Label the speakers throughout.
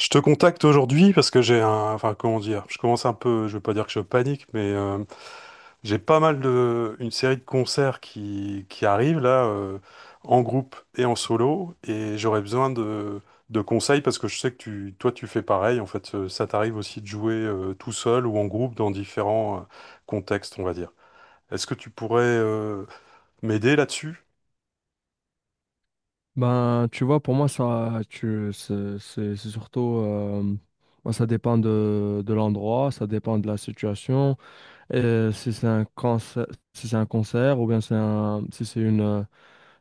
Speaker 1: Je te contacte aujourd'hui parce que j'ai un, enfin comment dire, je commence un peu, je veux pas dire que je panique, mais j'ai pas mal de, une série de concerts qui arrivent là, en groupe et en solo, et j'aurais besoin de conseils parce que je sais que toi tu fais pareil, en fait, ça t'arrive aussi de jouer tout seul ou en groupe dans différents contextes, on va dire. Est-ce que tu pourrais m'aider là-dessus?
Speaker 2: Ben, tu vois, pour moi, ça, tu, c'est surtout, moi, ça dépend de l'endroit, ça dépend de la situation, et si c'est un concert, si c'est un concert, ou bien c'est un, si c'est une,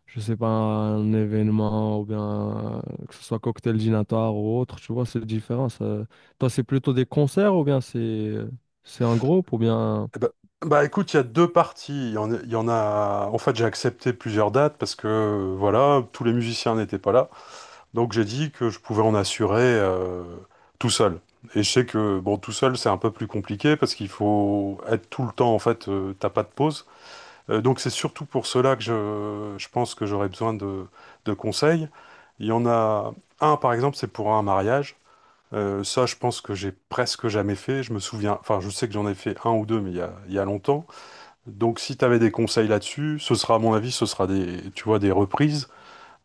Speaker 2: je sais pas, un événement, ou bien que ce soit cocktail dînatoire ou autre, tu vois, c'est différent. Ça. Toi, c'est plutôt des concerts, ou bien c'est un groupe, ou bien.
Speaker 1: Eh ben- Bah écoute, il y a deux parties. Il y en, a, il y en a- En fait, j'ai accepté plusieurs dates parce que voilà, tous les musiciens n'étaient pas là. Donc j'ai dit que je pouvais en assurer tout seul. Et je sais que bon, tout seul, c'est un peu plus compliqué parce qu'il faut être tout le temps. En fait, t'as pas de pause. Donc c'est surtout pour cela que je pense que j'aurais besoin de conseils. Il y en a un, par exemple, c'est pour un mariage. Ça, je pense que j'ai presque jamais fait. Je me souviens. Enfin, je sais que j'en ai fait un ou deux, mais il y a longtemps. Donc si tu avais des conseils là-dessus, ce sera à mon avis, ce sera des, tu vois, des reprises.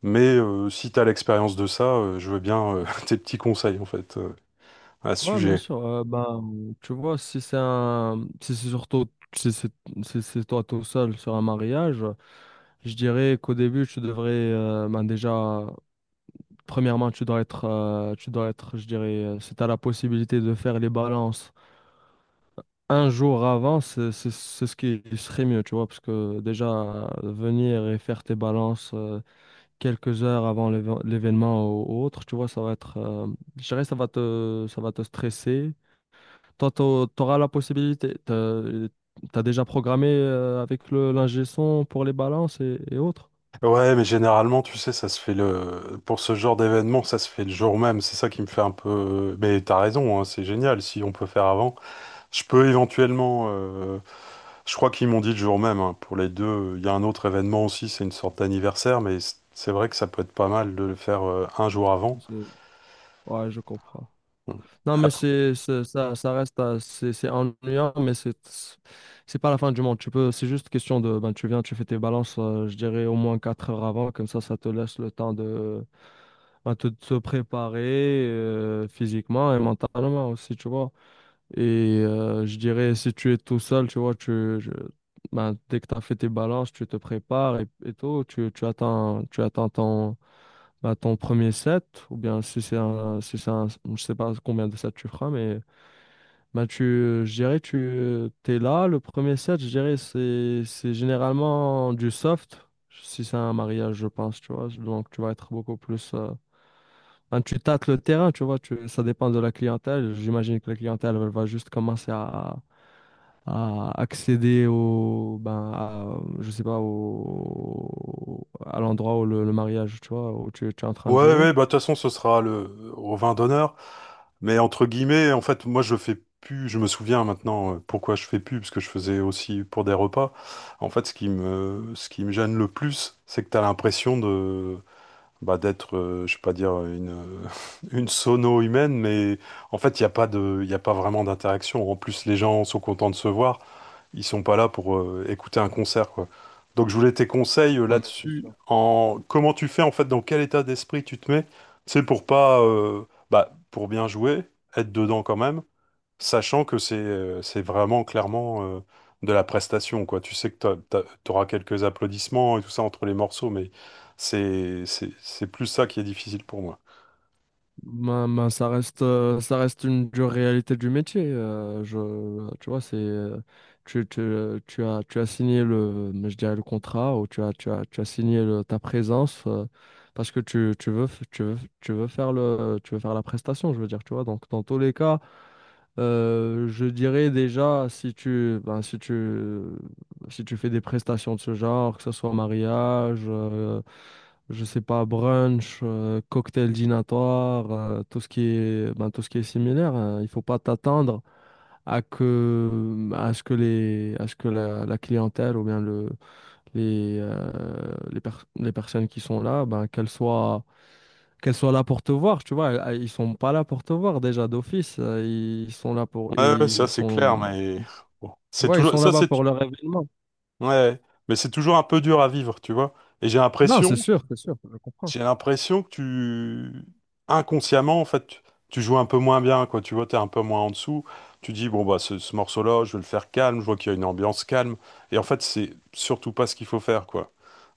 Speaker 1: Mais si tu as l'expérience de ça, je veux bien tes petits conseils en fait à ce
Speaker 2: Ouais, bien
Speaker 1: sujet.
Speaker 2: sûr. Bah, tu vois, si c'est un, si c'est surtout, si c'est, si c'est toi tout seul sur un mariage, je dirais qu'au début, tu devrais, ben déjà, premièrement, tu dois être, je dirais, si tu as la possibilité de faire les balances un jour avant, c'est ce qui serait mieux, tu vois, parce que déjà, venir et faire tes balances quelques heures avant l'événement ou autre, tu vois, ça va être, je dirais, ça va te stresser. Toi, t'auras la possibilité. T'as, t'as déjà programmé avec le l'ingé son pour les balances et autres.
Speaker 1: Ouais, mais généralement, tu sais, ça se fait le pour ce genre d'événement, ça se fait le jour même. C'est ça qui me fait un peu. Mais t'as raison, hein, c'est génial si on peut faire avant. Je peux éventuellement. Je crois qu'ils m'ont dit le jour même hein, pour les deux. Il y a un autre événement aussi, c'est une sorte d'anniversaire, mais c'est vrai que ça peut être pas mal de le faire un jour avant.
Speaker 2: Je- Ouais, je comprends. Non, mais
Speaker 1: Après,
Speaker 2: c'est, ça, ça reste, c'est ennuyant, mais c'est pas la fin du monde. Tu peux, c'est juste question de, ben, tu viens, tu fais tes balances, je dirais au moins 4 heures avant, comme ça te laisse le temps de, ben, te préparer physiquement et mentalement aussi, tu vois. Et je dirais, si tu es tout seul, tu vois, tu, je- ben, dès que tu as fait tes balances, tu te prépares et tout, tu, tu attends ton, ben, ton premier set, ou bien si c'est un, si c'est un, je sais pas combien de sets tu feras, mais. Ben tu, je dirais, tu es là. Le premier set, je dirais, c'est généralement du soft, si c'est un mariage, je pense, tu vois. Donc, tu vas être beaucoup plus, ben, tu tâtes le terrain, tu vois. Tu, ça dépend de la clientèle. J'imagine que la clientèle, elle va juste commencer à accéder au, ben, à, je sais pas, au, à l'endroit où le mariage, tu vois, où tu es en train
Speaker 1: ouais,
Speaker 2: de jouer.
Speaker 1: ouais, bah, de toute façon, ce sera le, au vin d'honneur. Mais entre guillemets, en fait, moi, je fais plus, je me souviens maintenant pourquoi je fais plus, parce que je faisais aussi pour des repas. En fait, ce qui me gêne le plus, c'est que t'as l'impression de, bah, d'être, je sais pas dire une, une sono humaine, mais en fait, il n'y a pas de, il y a pas vraiment d'interaction. En plus, les gens sont contents de se voir. Ils sont pas là pour écouter un concert, quoi. Donc je voulais tes conseils
Speaker 2: Ouais, mais c'est
Speaker 1: là-dessus,
Speaker 2: sûr.
Speaker 1: en comment tu fais en fait, dans quel état d'esprit tu te mets, c'est pour pas, bah, pour bien jouer, être dedans quand même, sachant que c'est vraiment clairement de la prestation, quoi. Tu sais que tu auras quelques applaudissements et tout ça entre les morceaux, mais c'est plus ça qui est difficile pour moi.
Speaker 2: Ben, ben, ça reste une dure réalité du métier. Je, tu vois, c'est, tu, tu, tu as signé le, mais je dirais le contrat ou tu as, tu as, tu as ta présence parce que tu veux, tu veux, tu veux faire le, tu veux faire la prestation, je veux dire, tu vois. Donc, dans tous les cas, je dirais déjà, si tu, ben, si tu, si tu fais des prestations de ce genre, que ce soit mariage, je sais pas, brunch, cocktail dînatoire, tout ce qui est, ben, tout ce qui est similaire, hein, il faut pas t'attendre à que, à ce que les, à ce que la clientèle ou bien le, les, euh, les, les personnes qui sont là, ben, qu'elles soient là pour te voir, tu vois. Ils sont pas là pour te voir déjà d'office. Ils sont là pour,
Speaker 1: Ouais, ouais, ça
Speaker 2: ils
Speaker 1: c'est clair,
Speaker 2: sont,
Speaker 1: mais bon.
Speaker 2: tu
Speaker 1: C'est
Speaker 2: vois, ils
Speaker 1: toujours
Speaker 2: sont
Speaker 1: ça
Speaker 2: là-bas
Speaker 1: c'est
Speaker 2: pour leur événement.
Speaker 1: Ouais, mais c'est toujours un peu dur à vivre, tu vois. Et j'ai
Speaker 2: Non,
Speaker 1: l'impression
Speaker 2: c'est sûr, je comprends.
Speaker 1: J'ai l'impression que inconsciemment, en fait, tu joues un peu moins bien, quoi. Tu vois, t'es un peu moins en dessous. Tu dis, bon, bah, ce morceau-là, je vais le faire calme. Je vois qu'il y a une ambiance calme. Et en fait, c'est surtout pas ce qu'il faut faire, quoi.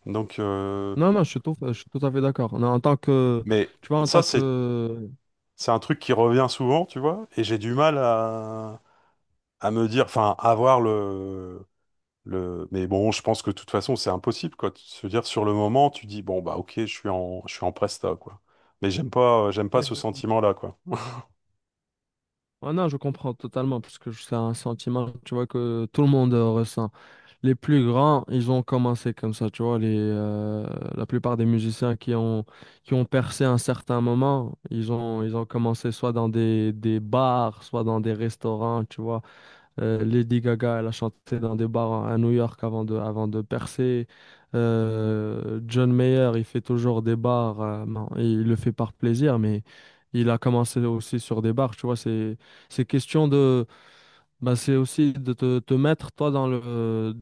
Speaker 1: Donc,
Speaker 2: Non, non, je suis tout à fait d'accord. Non, en tant que,
Speaker 1: mais
Speaker 2: tu vois, en
Speaker 1: ça,
Speaker 2: tant que,
Speaker 1: c'est un truc qui revient souvent, tu vois. Et j'ai du mal à me dire, enfin, à voir le, mais bon, je pense que de toute façon, c'est impossible, quoi. Se dire, sur le moment, tu dis, bon, bah, ok, je suis je suis en presta, quoi. Mais j'aime pas
Speaker 2: ouais,
Speaker 1: ce
Speaker 2: exactement.
Speaker 1: sentiment-là, quoi.
Speaker 2: Ouais, non, je comprends totalement parce que c'est un sentiment, tu vois, que tout le monde ressent. Les plus grands, ils ont commencé comme ça, tu vois. Les, la plupart des musiciens qui ont percé à un certain moment, ils ont commencé soit dans des bars, soit dans des restaurants, tu vois. Lady Gaga, elle a chanté dans des bars à New York avant de percer. John Mayer, il fait toujours des bars. Bon, il le fait par plaisir, mais il a commencé aussi sur des bars, tu vois. C'est question de... Bah, c'est aussi de te, te mettre toi dans le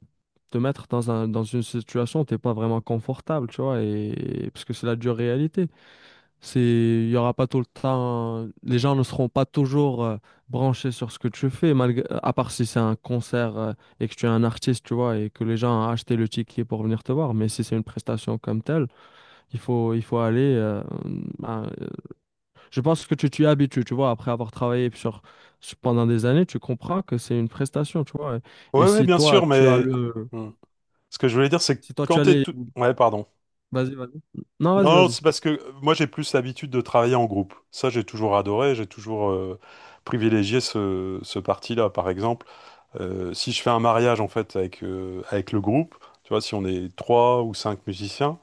Speaker 2: te mettre dans un, dans une situation où t'es pas vraiment confortable, tu vois, et parce que c'est la dure réalité. C'est, il y aura pas tout le temps, les gens ne seront pas toujours branchés sur ce que tu fais, malgré, à part si c'est un concert et que tu es un artiste, tu vois, et que les gens ont acheté le ticket pour venir te voir. Mais si c'est une prestation comme telle, il faut, il faut aller, à- je pense que tu t'y habitues, tu vois, après avoir travaillé sur, pendant des années, tu comprends que c'est une prestation, tu vois. Et
Speaker 1: Ouais, ouais,
Speaker 2: si
Speaker 1: bien
Speaker 2: toi,
Speaker 1: sûr,
Speaker 2: tu as
Speaker 1: mais
Speaker 2: le,
Speaker 1: hmm. Ce que je voulais dire, c'est que
Speaker 2: si toi,
Speaker 1: quand
Speaker 2: tu as
Speaker 1: t'es
Speaker 2: les
Speaker 1: tout... Ouais, pardon.
Speaker 2: vas-y, vas-y. Non, vas-y,
Speaker 1: Non,
Speaker 2: vas-y.
Speaker 1: c'est parce que moi, j'ai plus l'habitude de travailler en groupe. Ça, j'ai toujours adoré, j'ai toujours privilégié ce parti-là. Par exemple, si je fais un mariage, en fait, avec, avec le groupe, tu vois, si on est trois ou cinq musiciens,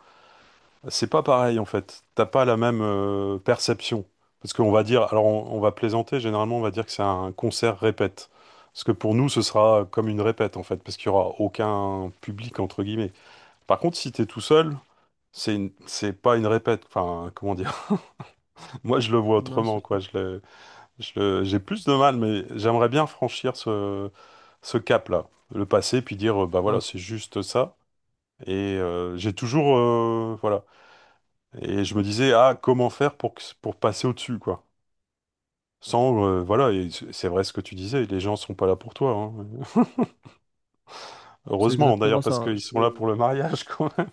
Speaker 1: c'est pas pareil en fait. T'as pas la même perception. Parce qu'on va dire, alors on va plaisanter, généralement on va dire que c'est un concert répète. Parce que pour nous, ce sera comme une répète en fait, parce qu'il y aura aucun public entre guillemets. Par contre, si t'es tout seul, c'est pas une répète. Enfin, comment dire? Moi, je le vois
Speaker 2: Non, c'est
Speaker 1: autrement quoi.
Speaker 2: sûr.
Speaker 1: J'ai plus de mal, mais j'aimerais bien franchir ce cap-là, le passer, puis dire, bah
Speaker 2: Non,
Speaker 1: voilà,
Speaker 2: c'est
Speaker 1: c'est
Speaker 2: sûr.
Speaker 1: juste ça. Et voilà. Et je me disais, ah, comment faire pour, pour passer au-dessus, quoi. Sans, voilà, et c'est vrai ce que tu disais, les gens sont pas là pour toi, hein.
Speaker 2: C'est
Speaker 1: Heureusement, d'ailleurs,
Speaker 2: exactement
Speaker 1: parce
Speaker 2: ça.
Speaker 1: qu'ils sont là
Speaker 2: Je,
Speaker 1: pour le mariage, quand même.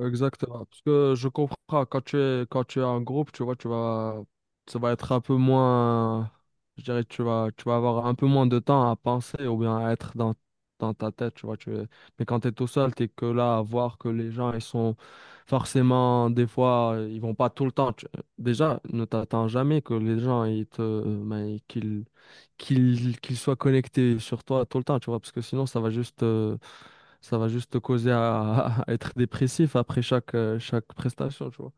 Speaker 2: exactement. Parce que je comprends, quand tu es en groupe, tu vois, tu vas, ça va être un peu moins, je dirais, tu vas avoir un peu moins de temps à penser ou bien à être dans, dans ta tête, tu vois. Mais quand tu es tout seul, tu es que là à voir que les gens, ils sont forcément, des fois, ils vont pas tout le temps. Tu- déjà, ne t'attends jamais que les gens, ils te, ben, qu'ils, qu'ils, qu'ils soient connectés sur toi tout le temps, tu vois, parce que sinon, ça va juste ça va juste te causer à, à être dépressif après chaque, chaque prestation, tu vois.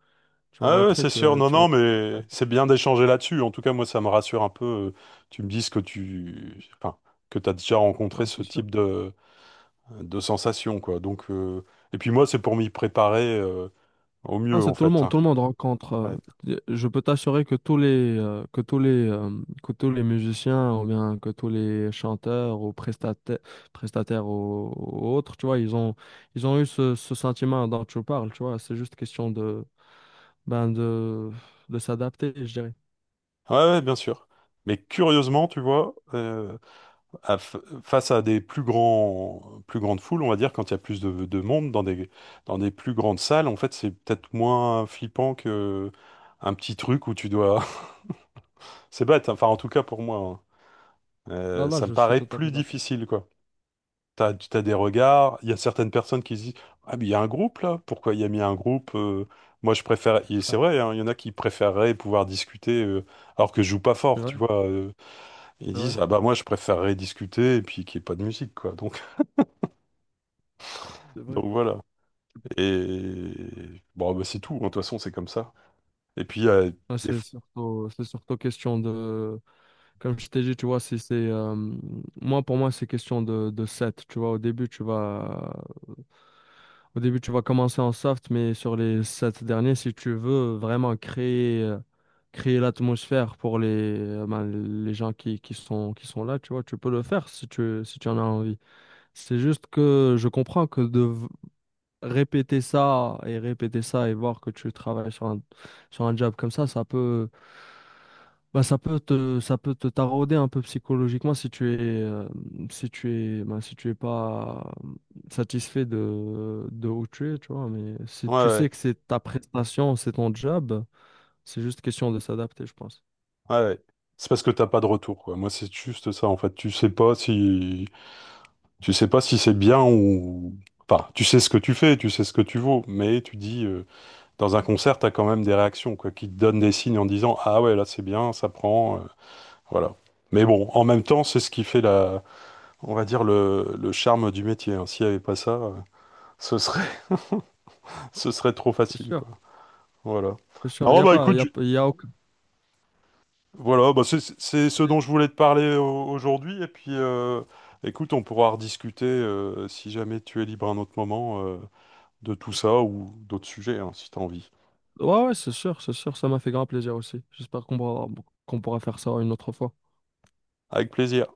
Speaker 2: Tu vas
Speaker 1: Ah ouais,
Speaker 2: rentrer,
Speaker 1: c'est sûr, non,
Speaker 2: tu
Speaker 1: non,
Speaker 2: vas... Ouais.
Speaker 1: mais c'est bien d'échanger là-dessus. En tout cas, moi, ça me rassure un peu. Tu me dises que enfin, que t'as déjà rencontré
Speaker 2: Non, c'est
Speaker 1: ce
Speaker 2: sûr.
Speaker 1: type de sensation, quoi. Donc, et puis moi, c'est pour m'y préparer, au mieux,
Speaker 2: Non,
Speaker 1: en
Speaker 2: c'est
Speaker 1: fait, hein.
Speaker 2: tout le monde rencontre.
Speaker 1: Ouais.
Speaker 2: Je peux t'assurer que tous les, que tous les, que tous les musiciens ou bien que tous les chanteurs ou prestataires, prestataires ou autres, tu vois, ils ont eu ce, ce sentiment dont tu parles, tu vois. C'est juste question de, ben de s'adapter, je dirais.
Speaker 1: Ouais, ouais, bien sûr. Mais curieusement, tu vois, à face à des plus grands, plus grandes foules, on va dire, quand il y a plus de monde dans dans des plus grandes salles, en fait, c'est peut-être moins flippant que un petit truc où tu dois. C'est bête, hein, enfin, en tout cas pour moi, hein.
Speaker 2: Là, là,
Speaker 1: Ça me
Speaker 2: je suis
Speaker 1: paraît
Speaker 2: tout à
Speaker 1: plus
Speaker 2: fait d'accord.
Speaker 1: difficile, quoi. T'as des regards, il y a certaines personnes qui se disent, ah, mais il y a un groupe là, pourquoi il y a mis un groupe moi je préfère, et c'est vrai, hein, il y en a qui préféreraient pouvoir discuter alors que je joue pas
Speaker 2: C'est
Speaker 1: fort, tu
Speaker 2: vrai,
Speaker 1: vois. Ils
Speaker 2: c'est vrai,
Speaker 1: disent, ah bah moi je préférerais discuter et puis qu'il n'y ait pas de musique, quoi. Donc,
Speaker 2: c'est vrai.
Speaker 1: donc voilà. Et bon, bah, c'est tout, hein, de toute façon c'est comme ça. Et puis,
Speaker 2: Ah,
Speaker 1: des...
Speaker 2: c'est
Speaker 1: fois-
Speaker 2: surtout, c'est surtout question de, comme je t'ai dit, tu vois, si c'est, moi, pour moi, c'est question de set, tu vois, au début, tu vas, au début, tu vas commencer en soft, mais sur les sept derniers, si tu veux vraiment créer, créer l'atmosphère pour les, ben, les gens qui sont là, tu vois, tu peux le faire si tu, si tu en as envie. C'est juste que je comprends que de, répéter ça et voir que tu travailles sur un job comme ça peut, bah, ça peut te tarauder un peu psychologiquement si tu es, si tu es, bah, si tu es pas satisfait de où tu es, tu vois. Mais si tu sais
Speaker 1: ouais,
Speaker 2: que c'est ta prestation, c'est ton job, c'est juste question de s'adapter, je pense.
Speaker 1: ouais, ouais, ouais. C'est parce que t'as pas de retour, quoi. Moi c'est juste ça, en fait. Tu sais pas si. Tu sais pas si c'est bien ou... Enfin, tu sais ce que tu fais, tu sais ce que tu vaux, mais tu dis, dans un concert, t'as quand même des réactions, quoi, qui te donnent des signes en disant, ah ouais, là c'est bien, ça prend, voilà. Mais bon, en même temps, c'est ce qui fait la, on va dire, le charme du métier, hein. S'il n'y avait pas ça, ce serait, ce serait trop
Speaker 2: C'est
Speaker 1: facile,
Speaker 2: sûr,
Speaker 1: quoi. Voilà.
Speaker 2: c'est sûr. Il y
Speaker 1: Non,
Speaker 2: a
Speaker 1: bah
Speaker 2: pas, il
Speaker 1: écoute,
Speaker 2: y a, y a aucun-
Speaker 1: voilà, bah, c'est ce dont je voulais te parler aujourd'hui, et puis, écoute, on pourra rediscuter, si jamais tu es libre à un autre moment. De tout ça ou d'autres sujets, hein, si tu as envie.
Speaker 2: ouais, ouais, c'est sûr, c'est sûr. Ça m'a fait grand plaisir aussi. J'espère qu'on pourra faire ça une autre fois.
Speaker 1: Avec plaisir.